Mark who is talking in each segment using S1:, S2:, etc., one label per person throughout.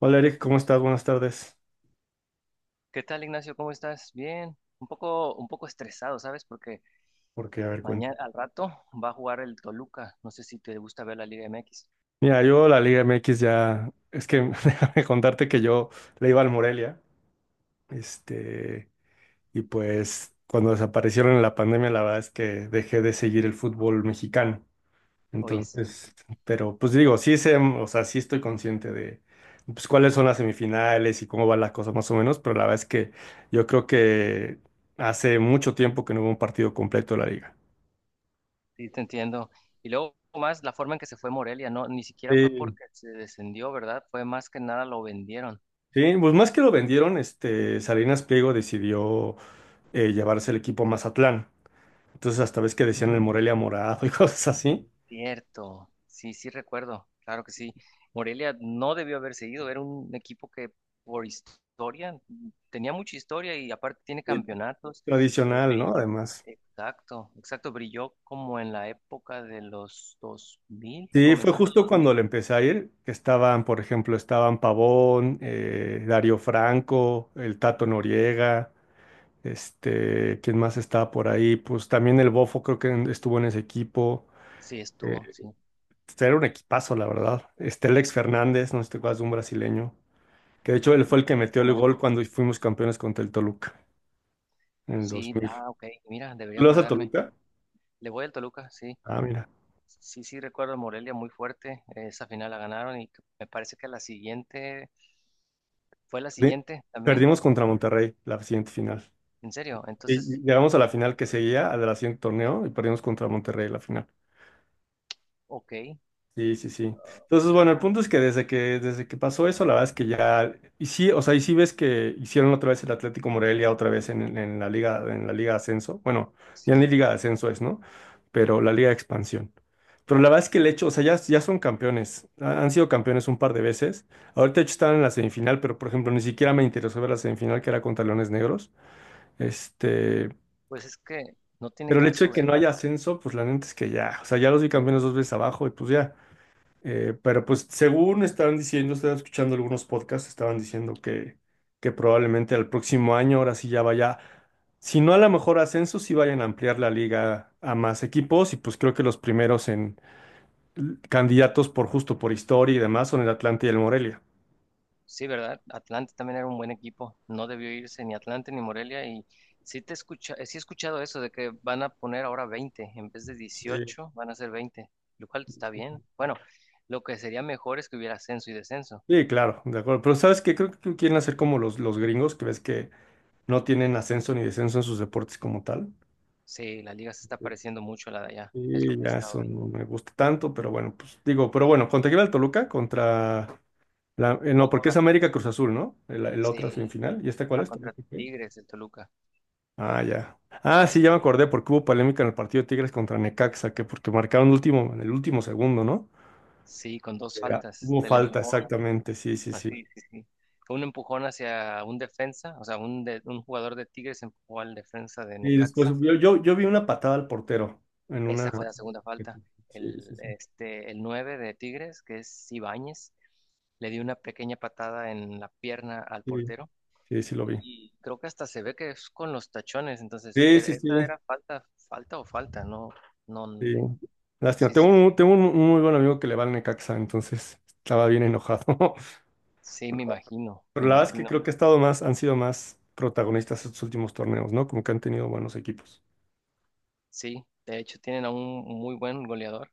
S1: Hola Eric, ¿cómo estás? Buenas tardes.
S2: ¿Qué tal, Ignacio? ¿Cómo estás? Bien. Un poco estresado, ¿sabes? Porque
S1: Porque, a ver, cuento.
S2: mañana al rato va a jugar el Toluca. No sé si te gusta ver la Liga MX.
S1: Mira, yo la Liga MX ya, es que déjame contarte que yo le iba al Morelia, este, y pues cuando desaparecieron en la pandemia, la verdad es que dejé de seguir el fútbol mexicano.
S2: Oye, sí,
S1: Entonces, pero pues digo, sí sé, o sea, sí estoy consciente de pues cuáles son las semifinales y cómo va la cosa más o menos, pero la verdad es que yo creo que hace mucho tiempo que no hubo un partido completo de la liga.
S2: sí, te entiendo. Y luego más la forma en que se fue Morelia, no, ni siquiera fue
S1: Sí,
S2: porque se descendió, ¿verdad? Fue más que nada lo vendieron.
S1: sí, pues más que lo vendieron, Salinas Pliego decidió llevarse el equipo a Mazatlán. Entonces hasta ves que decían el Morelia Morado y cosas así.
S2: Cierto, sí, sí recuerdo, claro que sí. Morelia no debió haber seguido, era un equipo que por historia tenía mucha historia y aparte tiene
S1: Y
S2: campeonatos,
S1: tradicional, ¿no?
S2: brilló,
S1: Además.
S2: exacto, exacto, brilló como en la época de los 2000,
S1: Sí, fue
S2: comenzando los
S1: justo cuando
S2: 2000,
S1: le empecé a ir, que estaban, por ejemplo, estaban Pavón, Darío Franco, el Tato Noriega, este, ¿quién más estaba por ahí? Pues también el Bofo creo que estuvo en ese equipo.
S2: sí
S1: Eh,
S2: estuvo, sí,
S1: este era un equipazo, la verdad. Este, Alex Fernández, no sé si te acuerdas de un brasileño. Que de hecho él fue
S2: de
S1: el que metió
S2: este
S1: el
S2: no,
S1: gol cuando fuimos campeones contra el Toluca en el
S2: sí,
S1: 2000.
S2: ah, ok, mira, debería
S1: ¿Tú ¿Le vas al
S2: acordarme,
S1: Toluca?
S2: le voy al Toluca, sí,
S1: Ah, mira.
S2: sí, sí, recuerdo a Morelia muy fuerte. Esa final la ganaron y me parece que la siguiente fue la
S1: Perdi-
S2: siguiente también.
S1: Perdimos contra Monterrey la siguiente final.
S2: En serio,
S1: Y
S2: entonces,
S1: llegamos a la
S2: muy-
S1: final que seguía, a la siguiente torneo, y perdimos contra Monterrey la final.
S2: ok.
S1: Sí, sí, sí.
S2: Ah,
S1: Entonces,
S2: qué
S1: bueno,
S2: raro,
S1: el punto es que desde que pasó eso, la verdad es que ya, y sí, o sea, y sí ves que hicieron otra vez el Atlético Morelia, otra vez en la liga de ascenso. Bueno, ya ni
S2: sí,
S1: liga de ascenso es, ¿no? Pero la liga de expansión. Pero la verdad es que el hecho, o sea, ya son campeones. Han sido campeones un par de veces. Ahorita de hecho están en la semifinal, pero por ejemplo, ni siquiera me interesó ver la semifinal que era contra Leones Negros. Este,
S2: pues es que no tiene
S1: pero el hecho de
S2: caso
S1: que no
S2: verla.
S1: haya ascenso, pues la neta es que ya, o sea, ya los vi
S2: Eh,
S1: campeones dos veces abajo y pues ya. Pero pues según estaban diciendo, estaba escuchando algunos podcasts, estaban diciendo que probablemente al próximo año, ahora sí ya vaya, si no a lo mejor ascenso, sí vayan a ampliar la liga a más equipos y pues creo que los primeros en candidatos por justo por historia y demás son el Atlante y el Morelia.
S2: sí, ¿verdad? Atlante también era un buen equipo. No debió irse ni Atlante ni Morelia. Y sí, te escucha, sí he escuchado eso de que van a poner ahora 20 en vez de
S1: Sí.
S2: 18, van a ser 20, lo cual está bien. Bueno, lo que sería mejor es que hubiera ascenso y descenso.
S1: Sí, claro, de acuerdo. Pero sabes que creo que quieren hacer como los gringos, que ves que no tienen ascenso ni descenso en sus deportes como tal.
S2: Sí, la liga se está pareciendo mucho a la de allá, es lo
S1: Y
S2: que he
S1: ya
S2: estado
S1: eso no
S2: viendo.
S1: me gusta tanto, pero bueno, pues digo, pero bueno, contra quién va el Toluca, contra... no, porque
S2: Contra,
S1: es América Cruz Azul, ¿no? El
S2: sí,
S1: otra semifinal. ¿Y esta cuál
S2: va
S1: es? ¿También
S2: contra
S1: se fue aquí?
S2: Tigres, el Toluca.
S1: Ah, ya. Ah, sí, ya me
S2: Sí,
S1: acordé, porque hubo polémica en el partido de Tigres contra Necaxa, que porque marcaron en el último segundo, ¿no?
S2: sí, con dos
S1: Que ah,
S2: faltas,
S1: hubo
S2: del
S1: falta,
S2: empujón,
S1: exactamente, sí, sí, sí.
S2: así, sí, sí. Un empujón hacia un defensa, o sea, un jugador de Tigres empujó al defensa de
S1: Y después
S2: Necaxa.
S1: yo vi una patada al portero en una.
S2: Esa fue la segunda falta.
S1: Sí,
S2: El,
S1: sí, sí.
S2: este, el 9 de Tigres, que es Ibáñez, le dio una pequeña patada en la pierna al
S1: Sí,
S2: portero.
S1: sí, sí lo vi.
S2: Y creo que hasta se ve que es con los tachones, entonces,
S1: Sí, sí,
S2: esta
S1: sí.
S2: era falta, falta o falta, no, no,
S1: Sí. Lástima.
S2: sí,
S1: Tengo
S2: sí,
S1: un, tengo un, un muy buen amigo que le va al Necaxa, entonces estaba bien enojado.
S2: sí,
S1: Pero
S2: me
S1: la verdad es que
S2: imagino,
S1: creo que ha estado más, han sido más protagonistas estos últimos torneos, ¿no? Como que han tenido buenos equipos.
S2: sí, de hecho tienen a un muy buen goleador,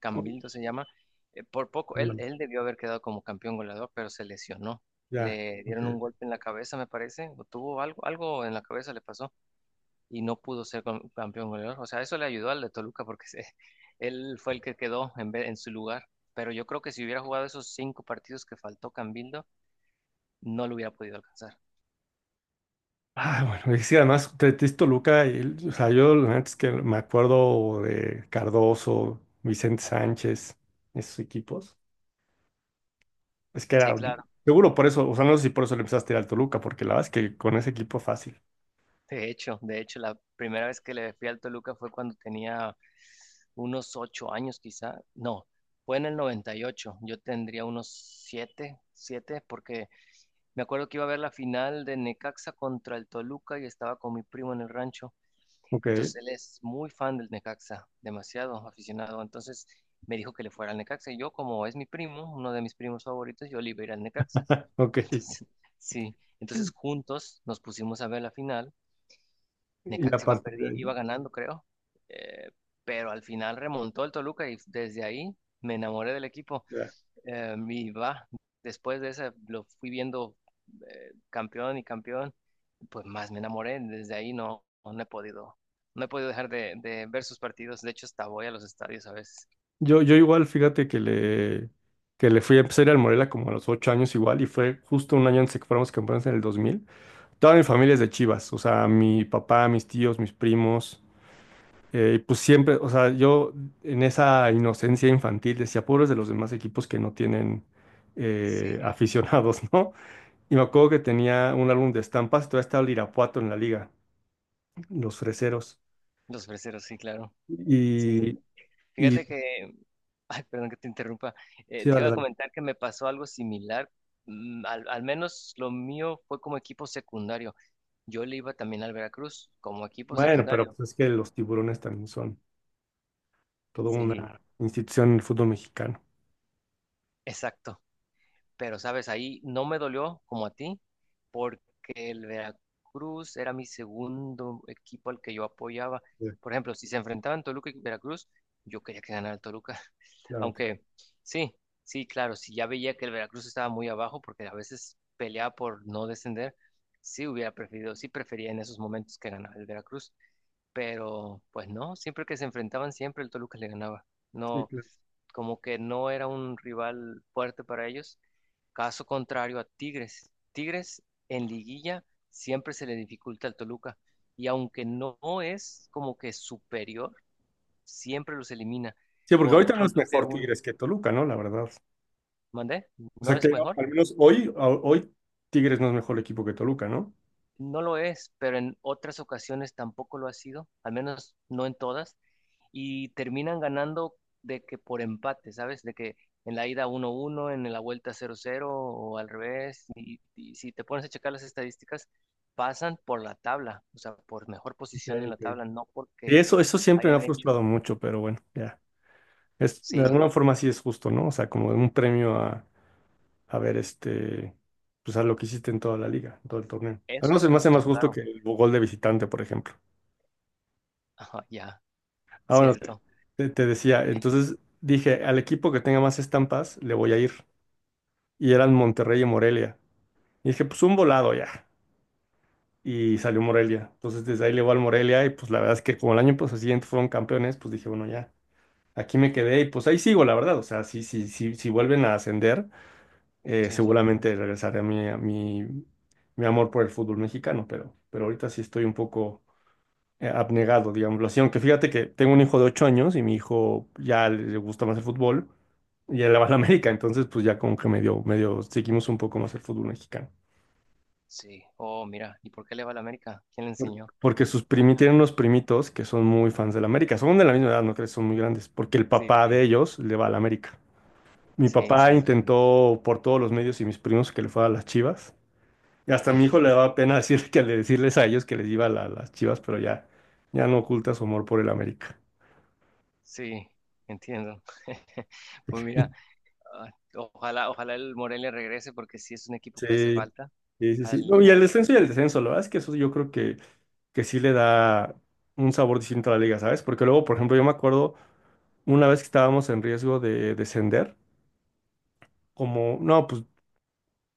S2: Cambildo se llama, por poco, él,
S1: Ándale,
S2: él debió haber quedado como campeón goleador, pero se lesionó,
S1: ya.
S2: le
S1: Ok,
S2: dieron un
S1: ok.
S2: golpe en la cabeza, me parece, o tuvo algo, algo en la cabeza le pasó, y no pudo ser campeón goleador. O sea, eso le ayudó al de Toluca porque él fue el que quedó en, en su lugar. Pero yo creo que si hubiera jugado esos cinco partidos que faltó Cambildo, no lo hubiera podido alcanzar.
S1: Ah, bueno, y sí, además, Tetis Toluca, y, o sea, yo la neta es que me acuerdo de Cardoso, Vicente Sánchez, esos equipos. Es que
S2: Sí,
S1: era,
S2: claro.
S1: seguro por eso, o sea, no sé si por eso le empezaste a ir al Toluca, porque la verdad es que con ese equipo fácil.
S2: De hecho, la primera vez que le fui al Toluca fue cuando tenía unos 8 años quizá. No, fue en el 98. Yo tendría unos siete, porque me acuerdo que iba a ver la final de Necaxa contra el Toluca y estaba con mi primo en el rancho.
S1: Ok,
S2: Entonces él es muy fan del Necaxa, demasiado aficionado. Entonces me dijo que le fuera al Necaxa. Y yo, como es mi primo, uno de mis primos favoritos, yo le iba a ir al Necaxa.
S1: ok.
S2: Entonces, sí. Entonces juntos nos pusimos a ver la final.
S1: Y
S2: Necaxa iba
S1: aparte de
S2: perdiendo,
S1: ahí,
S2: iba ganando, creo. Eh, pero al final remontó el Toluca y desde ahí me enamoré del equipo.
S1: ya.
S2: Eh, y va, después de esa lo fui viendo campeón y campeón, pues más me enamoré. Desde ahí no he podido, no he podido dejar de ver sus partidos. De hecho, hasta voy a los estadios a veces.
S1: Yo igual, fíjate que le fui a empezar a ir al Morelia como a los 8 años igual y fue justo un año antes de que fuéramos campeones en el 2000. Toda mi familia es de Chivas, o sea, mi papá, mis tíos, mis primos, y pues siempre, o sea, yo en esa inocencia infantil decía, pobres de los demás equipos que no tienen
S2: Sí,
S1: aficionados, ¿no? Y me acuerdo que tenía un álbum de estampas, todavía estaba el Irapuato en la liga, los freseros.
S2: los freseros, sí, claro. Sí.
S1: Y, y
S2: Fíjate que, ay, perdón que te interrumpa.
S1: sí,
S2: Te
S1: dale,
S2: iba a
S1: dale.
S2: comentar que me pasó algo similar. Al menos lo mío fue como equipo secundario. Yo le iba también al Veracruz como equipo
S1: Bueno, pero
S2: secundario.
S1: pues es que los tiburones también son toda
S2: Sí,
S1: una institución en el fútbol mexicano.
S2: exacto. Pero sabes, ahí no me dolió como a ti, porque el Veracruz era mi segundo equipo al que yo apoyaba.
S1: Sí,
S2: Por ejemplo, si se enfrentaban Toluca y Veracruz, yo quería que ganara el Toluca.
S1: claro, claro.
S2: Aunque sí, sí, claro, si ya veía que el Veracruz estaba muy abajo, porque a veces peleaba por no descender, sí hubiera preferido, sí prefería en esos momentos que ganara el Veracruz. Pero pues no, siempre que se enfrentaban, siempre el Toluca le ganaba.
S1: Sí,
S2: No,
S1: claro.
S2: como que no era un rival fuerte para ellos. Caso contrario a Tigres. Tigres en liguilla siempre se le dificulta al Toluca y aunque no es como que superior, siempre los elimina.
S1: Sí, porque
S2: Por
S1: ahorita no es
S2: punto que
S1: mejor
S2: un,
S1: Tigres que Toluca, ¿no? La verdad.
S2: ¿mandé?
S1: O
S2: ¿No
S1: sea
S2: es
S1: que
S2: mejor?
S1: al menos hoy, hoy Tigres no es mejor equipo que Toluca, ¿no?
S2: No lo es, pero en otras ocasiones tampoco lo ha sido, al menos no en todas, y terminan ganando de que por empate, ¿sabes? De que en la ida 1-1 en la vuelta 0-0 o al revés, y si te pones a checar las estadísticas, pasan por la tabla, o sea, por mejor
S1: Ok,
S2: posición en la
S1: ok.
S2: tabla, no
S1: Y
S2: porque
S1: eso siempre me ha
S2: hayan
S1: frustrado
S2: hecho,
S1: mucho, pero bueno, ya. Es, de
S2: sí,
S1: alguna forma sí es justo, ¿no? O sea, como un premio a ver, este, pues a lo que hiciste en toda la liga, en todo el torneo. Al
S2: eso
S1: menos
S2: es
S1: se me hace
S2: justo,
S1: más justo
S2: claro,
S1: que el gol de visitante, por ejemplo.
S2: ajá, ya,
S1: Ah, bueno,
S2: cierto,
S1: te decía, entonces dije, al equipo que tenga más estampas, le voy a ir. Y eran Monterrey y Morelia. Y dije, pues un volado ya. Y salió Morelia. Entonces desde ahí le voy al Morelia y pues la verdad es que como el año pues, siguiente fueron campeones, pues dije, bueno, ya, aquí me quedé y pues ahí sigo, la verdad. O sea, si vuelven a ascender,
S2: sí,
S1: seguramente regresaré a mi, mi amor por el fútbol mexicano, pero ahorita sí estoy un poco abnegado, digámoslo así. Aunque fíjate que tengo un hijo de 8 años y mi hijo ya le gusta más el fútbol. Y él le va a la América, entonces pues ya como que medio, medio seguimos un poco más el fútbol mexicano.
S2: sí, oh, mira, ¿y por qué le va a la América? ¿Quién le
S1: Por-
S2: enseñó?
S1: Porque sus
S2: Ah,
S1: primi tienen unos primitos que son muy fans del América. Son de la misma edad, no crees, son muy grandes. Porque el
S2: sí,
S1: papá de ellos le va al América. Mi
S2: sí, sí,
S1: papá
S2: imagínate.
S1: intentó por todos los medios y mis primos que le fuera a las Chivas. Y hasta a mi hijo le daba pena decir que decirles a ellos que les iba a las Chivas, pero ya, ya no oculta su amor por el América.
S2: Sí, entiendo. Pues mira, ah, ojalá, ojalá el Morelia regrese porque sí es un equipo que hace
S1: Sí,
S2: falta.
S1: sí, sí, sí.
S2: Al,
S1: No, y
S2: como dices,
S1: el descenso, la verdad es que eso yo creo que sí le da un sabor distinto a la liga, ¿sabes? Porque luego, por ejemplo, yo me acuerdo una vez que estábamos en riesgo de descender, como, no, pues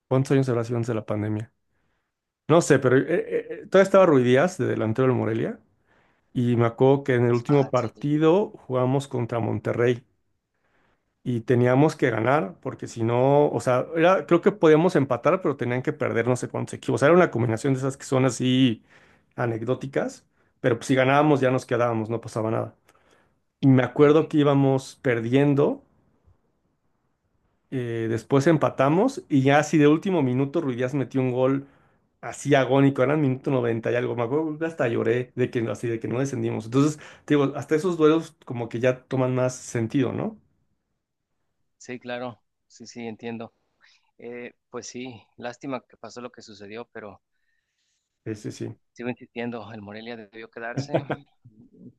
S1: ¿cuántos años habrá sido antes de la pandemia? No sé, pero todavía estaba Ruiz Díaz de delantero del Morelia y me acuerdo que en el último
S2: ah, sí,
S1: partido jugamos contra Monterrey y teníamos que ganar porque si no, o sea, creo que podíamos empatar, pero tenían que perder no sé cuántos equipos. O sea, era una combinación de esas que son así anecdóticas, pero pues, si ganábamos ya nos quedábamos, no pasaba nada. Y me
S2: ok.
S1: acuerdo que íbamos perdiendo. Después empatamos y ya así de último minuto Ruiz Díaz metió un gol así agónico, eran minuto 90 y algo, me acuerdo que hasta lloré de que, así de que no descendimos. Entonces, te digo, hasta esos duelos como que ya toman más sentido, ¿no?
S2: Sí, claro, sí, sí, entiendo. Pues sí, lástima que pasó lo que sucedió, pero
S1: Sí, sí, sí.
S2: sigo insistiendo, el Morelia debió quedarse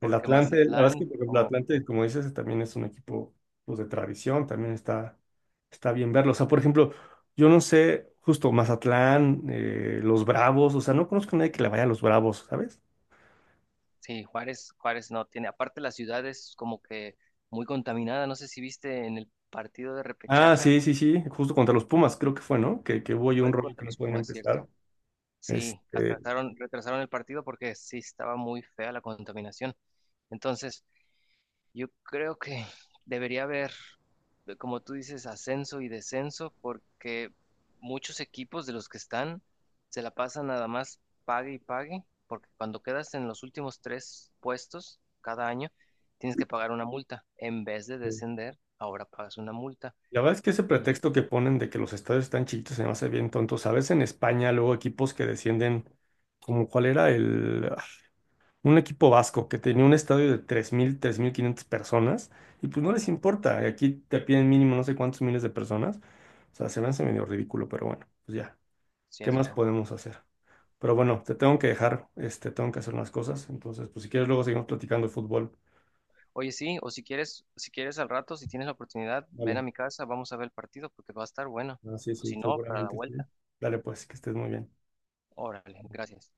S1: El Atlante, la verdad es
S2: Mazatlán,
S1: que por ejemplo, el
S2: como que,
S1: Atlante, como dices, también es un equipo pues, de tradición, también está, está bien verlo. O sea, por ejemplo, yo no sé, justo Mazatlán, los Bravos, o sea, no conozco a nadie que le vaya a los Bravos, ¿sabes?
S2: sí, Juárez, Juárez no tiene, aparte la ciudad es como que muy contaminada, no sé si viste en el partido de
S1: Ah,
S2: repechaje,
S1: sí, sí, sí, justo contra los Pumas, creo que fue, ¿no? Que hubo ahí un
S2: fue
S1: rollo que
S2: contra
S1: no
S2: los
S1: pueden
S2: Pumas, ¿cierto?
S1: empezar.
S2: Sí,
S1: Este,
S2: atrasaron, retrasaron el partido porque sí estaba muy fea la contaminación. Entonces, yo creo que debería haber, como tú dices, ascenso y descenso porque muchos equipos de los que están se la pasan nada más pague y pague, porque cuando quedas en los últimos tres puestos cada año, tienes que pagar una multa. En vez de
S1: sí.
S2: descender, ahora pagas una multa.
S1: La verdad es que ese
S2: Y,
S1: pretexto que ponen de que los estadios están chiquitos se me hace bien tonto. ¿Sabes? En España, luego equipos que descienden, como cuál era el. Ah, un equipo vasco que tenía un estadio de 3.500 personas, y pues no
S2: oh,
S1: les
S2: wow,
S1: importa. Aquí te piden mínimo no sé cuántos miles de personas. O sea, se me hace medio ridículo, pero bueno, pues ya. ¿Qué más
S2: cierto.
S1: podemos hacer? Pero bueno, te tengo que dejar, este, tengo que hacer unas cosas. Entonces, pues si quieres, luego seguimos platicando de fútbol.
S2: Oye, sí, o si quieres, si quieres al rato, si tienes la oportunidad, ven a
S1: Vale.
S2: mi casa, vamos a ver el partido porque va a estar bueno.
S1: Ah, sí,
S2: O
S1: sí,
S2: si no, para la
S1: seguramente sí.
S2: vuelta.
S1: Dale, pues, que estés muy bien.
S2: Órale, gracias.